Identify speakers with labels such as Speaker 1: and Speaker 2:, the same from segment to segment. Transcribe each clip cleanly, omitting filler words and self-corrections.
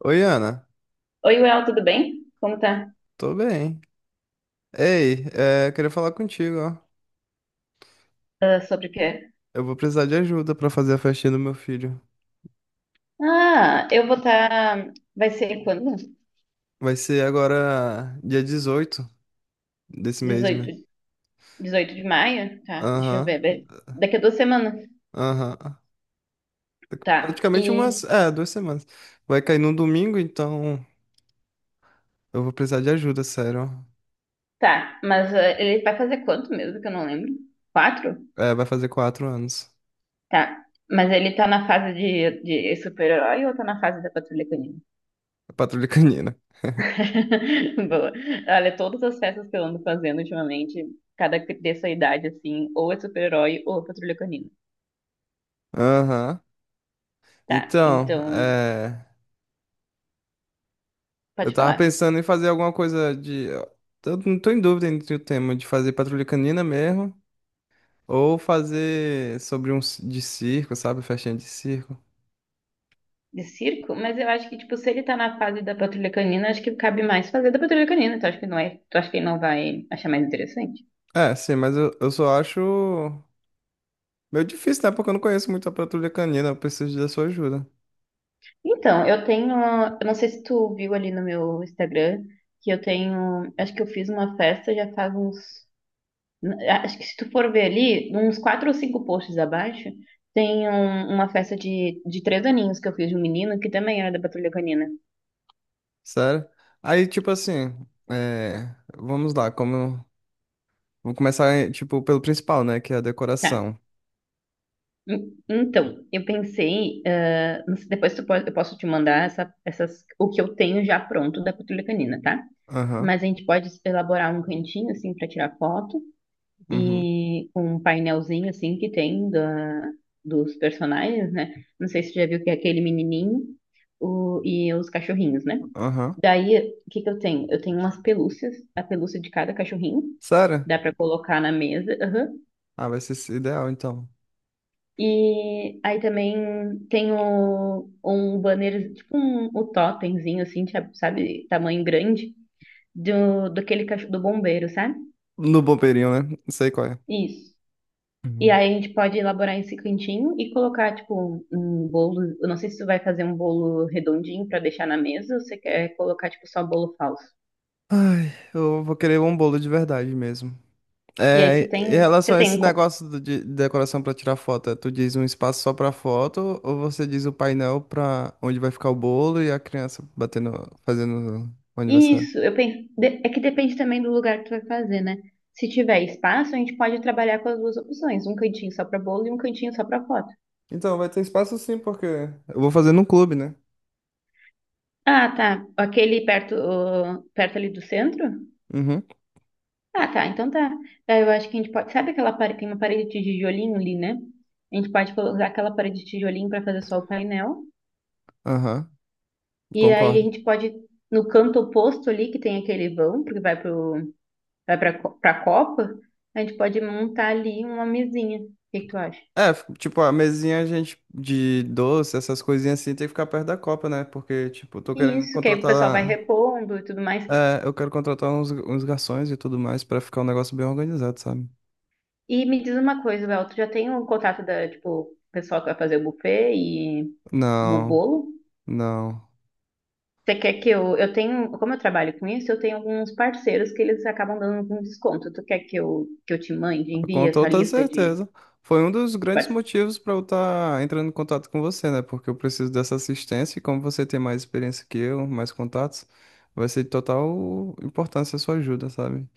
Speaker 1: Oi, Ana.
Speaker 2: Oi, Well, tudo bem? Como tá?
Speaker 1: Tô bem. Ei, queria falar contigo, ó.
Speaker 2: Ah, sobre o quê?
Speaker 1: Eu vou precisar de ajuda pra fazer a festinha do meu filho.
Speaker 2: Ah, eu vou estar. Vai ser quando?
Speaker 1: Vai ser agora dia 18 desse mês, né?
Speaker 2: 18, 18 de maio? Tá, deixa eu
Speaker 1: Aham,
Speaker 2: ver. Daqui a 2 semanas.
Speaker 1: aham.
Speaker 2: Tá,
Speaker 1: Praticamente
Speaker 2: e.
Speaker 1: umas, 2 semanas. Vai cair num domingo, então eu vou precisar de ajuda, sério.
Speaker 2: Tá, mas ele vai fazer quanto mesmo que eu não lembro? 4?
Speaker 1: É, vai fazer 4 anos.
Speaker 2: Tá, mas ele tá na fase de super-herói ou tá na fase da Patrulha Canina?
Speaker 1: Patrulha Canina.
Speaker 2: Boa. Olha, todas as festas que eu ando fazendo ultimamente, cada dessa idade, assim, ou é super-herói ou é Patrulha Canina.
Speaker 1: Aham.
Speaker 2: Tá,
Speaker 1: Então,
Speaker 2: então,
Speaker 1: eu
Speaker 2: pode
Speaker 1: tava
Speaker 2: falar.
Speaker 1: pensando em fazer alguma coisa de... Eu não tô em dúvida entre o tema de fazer Patrulha Canina mesmo, ou fazer sobre de circo, sabe? Festinha de circo.
Speaker 2: De circo? Mas eu acho que, tipo, se ele tá na fase da patrulha canina, acho que cabe mais fazer da patrulha canina. Tu acha que não é? Tu acha que ele não vai achar mais interessante?
Speaker 1: É, sim, mas eu só acho meio difícil, né? Porque eu não conheço muito a Patrulha Canina, eu preciso da sua ajuda.
Speaker 2: Então, eu tenho. Eu não sei se tu viu ali no meu Instagram que eu tenho. Acho que eu fiz uma festa já faz uns. Acho que se tu for ver ali, uns quatro ou cinco posts abaixo, tem uma festa de 3 aninhos que eu fiz de um menino que também era da patrulha canina.
Speaker 1: Sério? Aí, tipo assim, é, vamos lá, como. Vou começar, tipo, pelo principal, né? Que é a
Speaker 2: Tá.
Speaker 1: decoração.
Speaker 2: Então, eu pensei, ah, não sei, depois eu posso te mandar o que eu tenho já pronto da patrulha canina, tá?
Speaker 1: Aham,
Speaker 2: Mas a gente pode elaborar um cantinho, assim, para tirar foto
Speaker 1: uhum,
Speaker 2: e com um painelzinho, assim, que tem dos personagens, né? Não sei se tu já viu que é aquele menininho e os cachorrinhos, né?
Speaker 1: aham.
Speaker 2: Daí, o que que eu tenho? Eu tenho umas pelúcias, a pelúcia de cada cachorrinho,
Speaker 1: Sério?
Speaker 2: dá para colocar na mesa, aham.
Speaker 1: Ah, vai ser esse ideal, então.
Speaker 2: E aí também tem um banner, tipo o totemzinho, assim, sabe, tamanho grande, daquele cachorro do bombeiro, sabe?
Speaker 1: No bombeirinho, né? Não sei qual é.
Speaker 2: Isso. E
Speaker 1: Uhum.
Speaker 2: aí a gente pode elaborar esse cantinho e colocar, tipo, um bolo. Eu não sei se tu vai fazer um bolo redondinho pra deixar na mesa ou você quer colocar, tipo, só bolo falso.
Speaker 1: Ai, eu vou querer um bolo de verdade mesmo.
Speaker 2: E aí
Speaker 1: É,
Speaker 2: você
Speaker 1: em
Speaker 2: tem, você
Speaker 1: relação a esse
Speaker 2: tem
Speaker 1: negócio de decoração para tirar foto, é, tu diz um espaço só para foto, ou você diz o painel para onde vai ficar o bolo e a criança batendo, fazendo o aniversário?
Speaker 2: Isso, eu penso. É que depende também do lugar que tu vai fazer, né? Se tiver espaço, a gente pode trabalhar com as duas opções, um cantinho só pra bolo e um cantinho só pra foto.
Speaker 1: Então, vai ter espaço sim, porque eu vou fazer num clube, né?
Speaker 2: Ah, tá. Aquele perto, ali do centro?
Speaker 1: Uhum,
Speaker 2: Ah, tá. Então tá. Daí eu acho que a gente pode. Sabe aquela parede, tem uma parede de tijolinho ali, né? A gente pode usar aquela parede de tijolinho pra fazer só o painel.
Speaker 1: aham,
Speaker 2: E aí a
Speaker 1: concordo.
Speaker 2: gente pode, no canto oposto ali, que tem aquele vão, porque vai pro, pra copa, a gente pode montar ali uma mesinha. O que que tu acha?
Speaker 1: É, tipo, a mesinha, a gente, de doce, essas coisinhas assim, tem que ficar perto da copa, né? Porque, tipo, eu tô querendo
Speaker 2: Isso, que aí o pessoal vai
Speaker 1: contratar.
Speaker 2: repondo e tudo mais.
Speaker 1: É, eu quero contratar uns garçons e tudo mais pra ficar um negócio bem organizado, sabe?
Speaker 2: E me diz uma coisa, Bel, tu já tem o contato tipo, o pessoal que vai fazer o buffet e o
Speaker 1: Não,
Speaker 2: bolo?
Speaker 1: não.
Speaker 2: Você quer que eu tenho, como eu trabalho com isso, eu tenho alguns parceiros que eles acabam dando algum desconto. Tu quer que eu te mande, envie
Speaker 1: Com
Speaker 2: essa
Speaker 1: toda
Speaker 2: lista de,
Speaker 1: certeza. Foi um dos
Speaker 2: de
Speaker 1: grandes
Speaker 2: parceiros?
Speaker 1: motivos para eu estar entrando em contato com você, né? Porque eu preciso dessa assistência e como você tem mais experiência que eu, mais contatos, vai ser de total importância a sua ajuda, sabe?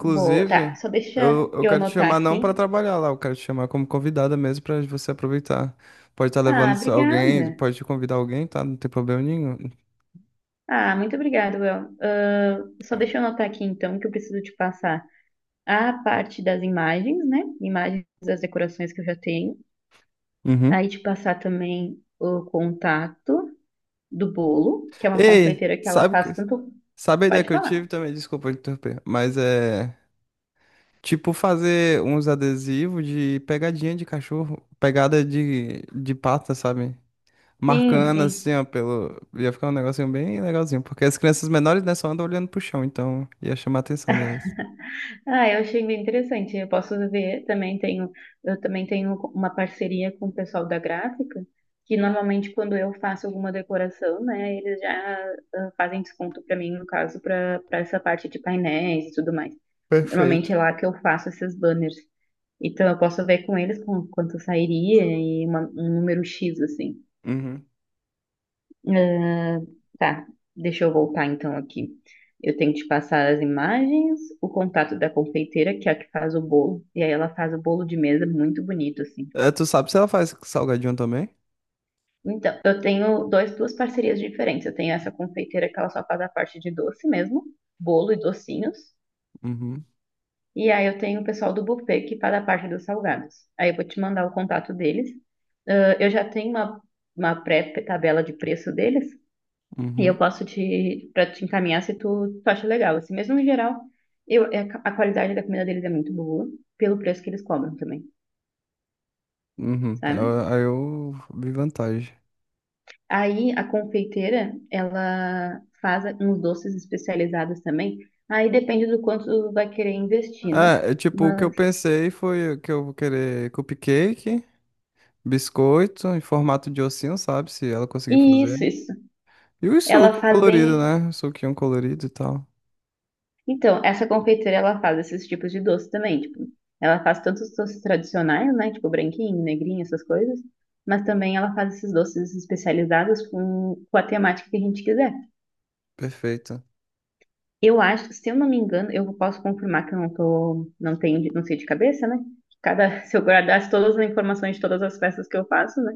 Speaker 2: Boa, tá, só deixa
Speaker 1: eu
Speaker 2: eu
Speaker 1: quero te
Speaker 2: anotar
Speaker 1: chamar não para
Speaker 2: aqui.
Speaker 1: trabalhar lá, eu quero te chamar como convidada mesmo para você aproveitar. Pode estar
Speaker 2: Ah,
Speaker 1: levando alguém,
Speaker 2: obrigada.
Speaker 1: pode convidar alguém, tá? Não tem problema nenhum.
Speaker 2: Ah, muito obrigada, Bel. Ah, só deixa eu anotar aqui então que eu preciso te passar: a parte das imagens, né? Imagens das decorações que eu já tenho.
Speaker 1: Uhum.
Speaker 2: Aí te passar também o contato do bolo, que é uma
Speaker 1: Ei,
Speaker 2: confeiteira que ela
Speaker 1: sabe,
Speaker 2: faz tanto.
Speaker 1: sabe a ideia
Speaker 2: Pode
Speaker 1: que eu
Speaker 2: falar.
Speaker 1: tive também? Desculpa interromper, mas é. Tipo fazer uns adesivos de pegadinha de cachorro, pegada de pata, sabe?
Speaker 2: Sim,
Speaker 1: Marcando
Speaker 2: sim.
Speaker 1: assim, ó, pelo. Ia ficar um negocinho bem legalzinho, porque as crianças menores, né, só andam olhando pro chão, então ia chamar a atenção delas.
Speaker 2: Ah, eu achei bem interessante. Eu posso ver, eu também tenho uma parceria com o pessoal da gráfica, que normalmente quando eu faço alguma decoração, né, eles já fazem desconto para mim, no caso, para essa parte de painéis e tudo mais. Normalmente
Speaker 1: Perfeito.
Speaker 2: é lá que eu faço esses banners. Então eu posso ver com eles quanto sairia e um número X, assim.
Speaker 1: Uhum.
Speaker 2: Ah, tá, deixa eu voltar então aqui. Eu tenho que te passar as imagens, o contato da confeiteira, que é a que faz o bolo. E aí ela faz o bolo de mesa muito bonito, assim.
Speaker 1: É, tu sabe se ela faz salgadinho também?
Speaker 2: Então, eu tenho duas parcerias diferentes. Eu tenho essa confeiteira que ela só faz a parte de doce mesmo, bolo e docinhos.
Speaker 1: Uhum,
Speaker 2: E aí eu tenho o pessoal do buffet que faz a parte dos salgados. Aí eu vou te mandar o contato deles. Ah, eu já tenho uma pré-tabela de preço deles e eu
Speaker 1: uhum,
Speaker 2: posso para te encaminhar se tu acha legal. Assim, mesmo em geral, é a qualidade da comida deles é muito boa, pelo preço que eles cobram também,
Speaker 1: uhum.
Speaker 2: sabe?
Speaker 1: Aí eu vi vantagem.
Speaker 2: Aí a confeiteira, ela faz uns doces especializados também. Aí depende do quanto tu vai querer investir, né?
Speaker 1: Tipo, o que eu
Speaker 2: Mas
Speaker 1: pensei foi que eu vou querer cupcake, biscoito em formato de ossinho, sabe? Se ela conseguir fazer.
Speaker 2: isso, isso.
Speaker 1: E o
Speaker 2: Ela
Speaker 1: suco
Speaker 2: faz
Speaker 1: colorido,
Speaker 2: bem
Speaker 1: né? Suquinho colorido e tal.
Speaker 2: Então, essa confeiteira, ela faz esses tipos de doce também, tipo, ela faz tanto os doces tradicionais, né, tipo branquinho, negrinho, essas coisas, mas também ela faz esses doces especializados com a temática que a gente quiser.
Speaker 1: Perfeito.
Speaker 2: Eu acho, se eu não me engano, eu posso confirmar que eu não tô, não tenho, não sei de cabeça, né? Cada, se eu guardasse todas as informações de todas as festas que eu faço, né?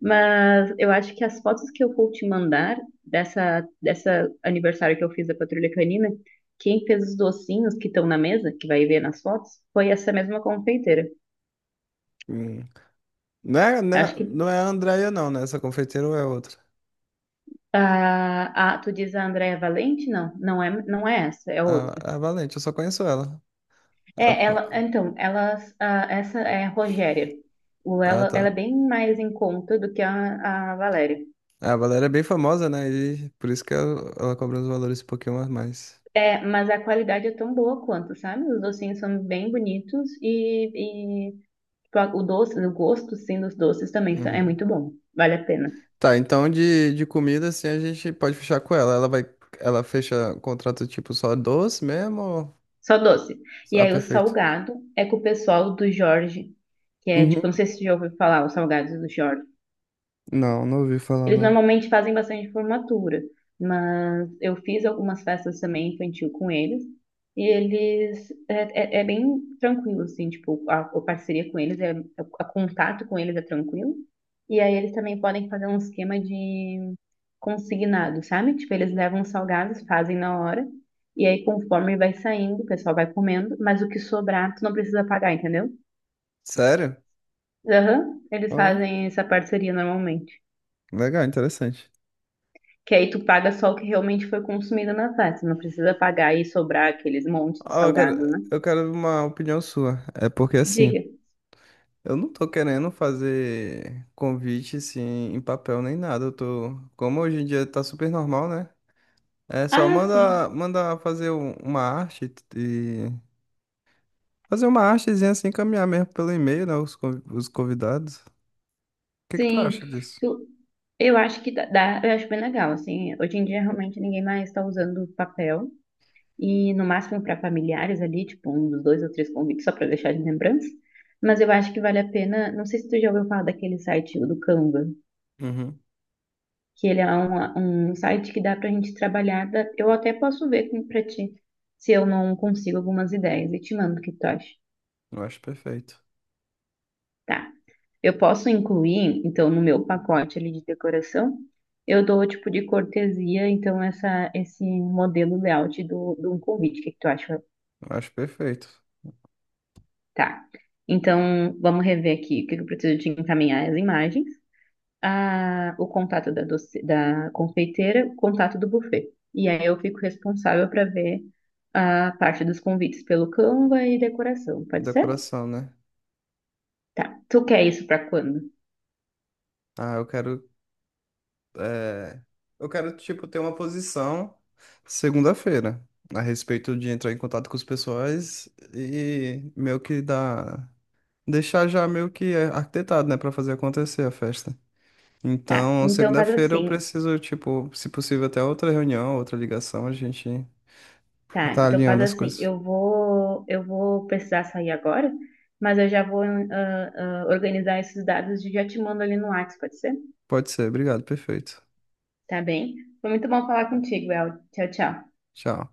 Speaker 2: Mas eu acho que as fotos que eu vou te mandar dessa aniversário que eu fiz da Patrulha Canina, quem fez os docinhos que estão na mesa, que vai ver nas fotos, foi essa mesma confeiteira.
Speaker 1: Hum.
Speaker 2: Acho que
Speaker 1: Não é a Andrea, não, né? Essa confeiteira ou é outra?
Speaker 2: a tu diz a Andréia Valente? Não, não é, não é essa, é
Speaker 1: Ah,
Speaker 2: outra.
Speaker 1: a Valente, eu só conheço ela. Ah,
Speaker 2: É,
Speaker 1: pô.
Speaker 2: ela, então, elas, essa é a Rogéria. O,
Speaker 1: Ah,
Speaker 2: ela é
Speaker 1: tá.
Speaker 2: bem mais em conta do que a Valéria.
Speaker 1: É, a Valéria é bem famosa, né? E por isso que ela cobra os valores um pouquinho a mais.
Speaker 2: É, mas a qualidade é tão boa quanto, sabe? Os docinhos são bem bonitos e O doce, o gosto, sim, dos doces também é
Speaker 1: Uhum.
Speaker 2: muito bom. Vale a pena.
Speaker 1: Tá, então de comida, assim, a gente pode fechar com ela. Ela vai, ela fecha contrato tipo só doce mesmo? Ou...
Speaker 2: Só doce. E
Speaker 1: Ah,
Speaker 2: aí o
Speaker 1: perfeito.
Speaker 2: salgado é com o pessoal do Jorge, que é tipo,
Speaker 1: Uhum.
Speaker 2: não sei se você já ouviu falar, os salgados do Jorge.
Speaker 1: Não, não ouvi falar,
Speaker 2: Eles
Speaker 1: não.
Speaker 2: normalmente fazem bastante formatura, mas eu fiz algumas festas também infantil com eles. E eles é bem tranquilo, assim, tipo, a parceria com eles, contato com eles é tranquilo. E aí eles também podem fazer um esquema de consignado, sabe? Tipo, eles levam os salgados, fazem na hora, e aí conforme vai saindo, o pessoal vai comendo, mas o que sobrar, tu não precisa pagar, entendeu?
Speaker 1: Sério?
Speaker 2: Aham, eles
Speaker 1: Ah,
Speaker 2: fazem essa parceria normalmente.
Speaker 1: legal, interessante.
Speaker 2: Que aí tu paga só o que realmente foi consumido na festa. Não precisa pagar e sobrar aqueles montes de
Speaker 1: Ah,
Speaker 2: salgado, né?
Speaker 1: eu quero uma opinião sua. É porque assim,
Speaker 2: Diga.
Speaker 1: eu não tô querendo fazer convite assim em papel nem nada. Eu tô, como hoje em dia tá super normal, né? É só
Speaker 2: Ah,
Speaker 1: manda,
Speaker 2: sim.
Speaker 1: uma arte e fazer uma artezinha assim, encaminhar mesmo pelo e-mail, né? Os, os convidados. O que que tu
Speaker 2: Sim.
Speaker 1: acha disso?
Speaker 2: Tu- eu acho que eu acho bem legal, assim. Hoje em dia realmente ninguém mais está usando papel. E no máximo para familiares ali, tipo, um dos dois ou três convites, só para deixar de lembrança. Mas eu acho que vale a pena. Não sei se tu já ouviu falar daquele site do Canva.
Speaker 1: Uhum.
Speaker 2: Que ele é um site que dá para a gente trabalhar. Eu até posso ver para ti se eu não consigo algumas ideias e te mando o que tu acha.
Speaker 1: Eu acho perfeito.
Speaker 2: Tá. Eu posso incluir, então, no meu pacote ali de decoração, eu dou o tipo de cortesia, então, esse modelo layout do convite. O que que tu acha?
Speaker 1: Eu acho perfeito.
Speaker 2: Tá. Então, vamos rever aqui o que que eu preciso te encaminhar as imagens. O contato da confeiteira, o contato do buffet. E aí eu fico responsável para ver a parte dos convites pelo Canva e decoração, pode ser?
Speaker 1: Decoração, né?
Speaker 2: Tá. Tu quer isso para quando?
Speaker 1: Ah, é, eu quero, tipo, ter uma posição segunda-feira a respeito de entrar em contato com os pessoais e meio que dar, deixar já meio que arquitetado, né, pra fazer acontecer a festa.
Speaker 2: Tá.
Speaker 1: Então,
Speaker 2: Então faz
Speaker 1: segunda-feira eu
Speaker 2: assim.
Speaker 1: preciso, tipo, se possível, até outra reunião, outra ligação, a gente
Speaker 2: Tá.
Speaker 1: tá
Speaker 2: Então faz
Speaker 1: alinhando as
Speaker 2: assim.
Speaker 1: coisas.
Speaker 2: Eu vou precisar sair agora, mas eu já vou organizar esses dados e já te mando ali no WhatsApp, pode ser?
Speaker 1: Pode ser, obrigado, perfeito.
Speaker 2: Tá bem? Foi muito bom falar contigo, El. Tchau, tchau.
Speaker 1: Tchau.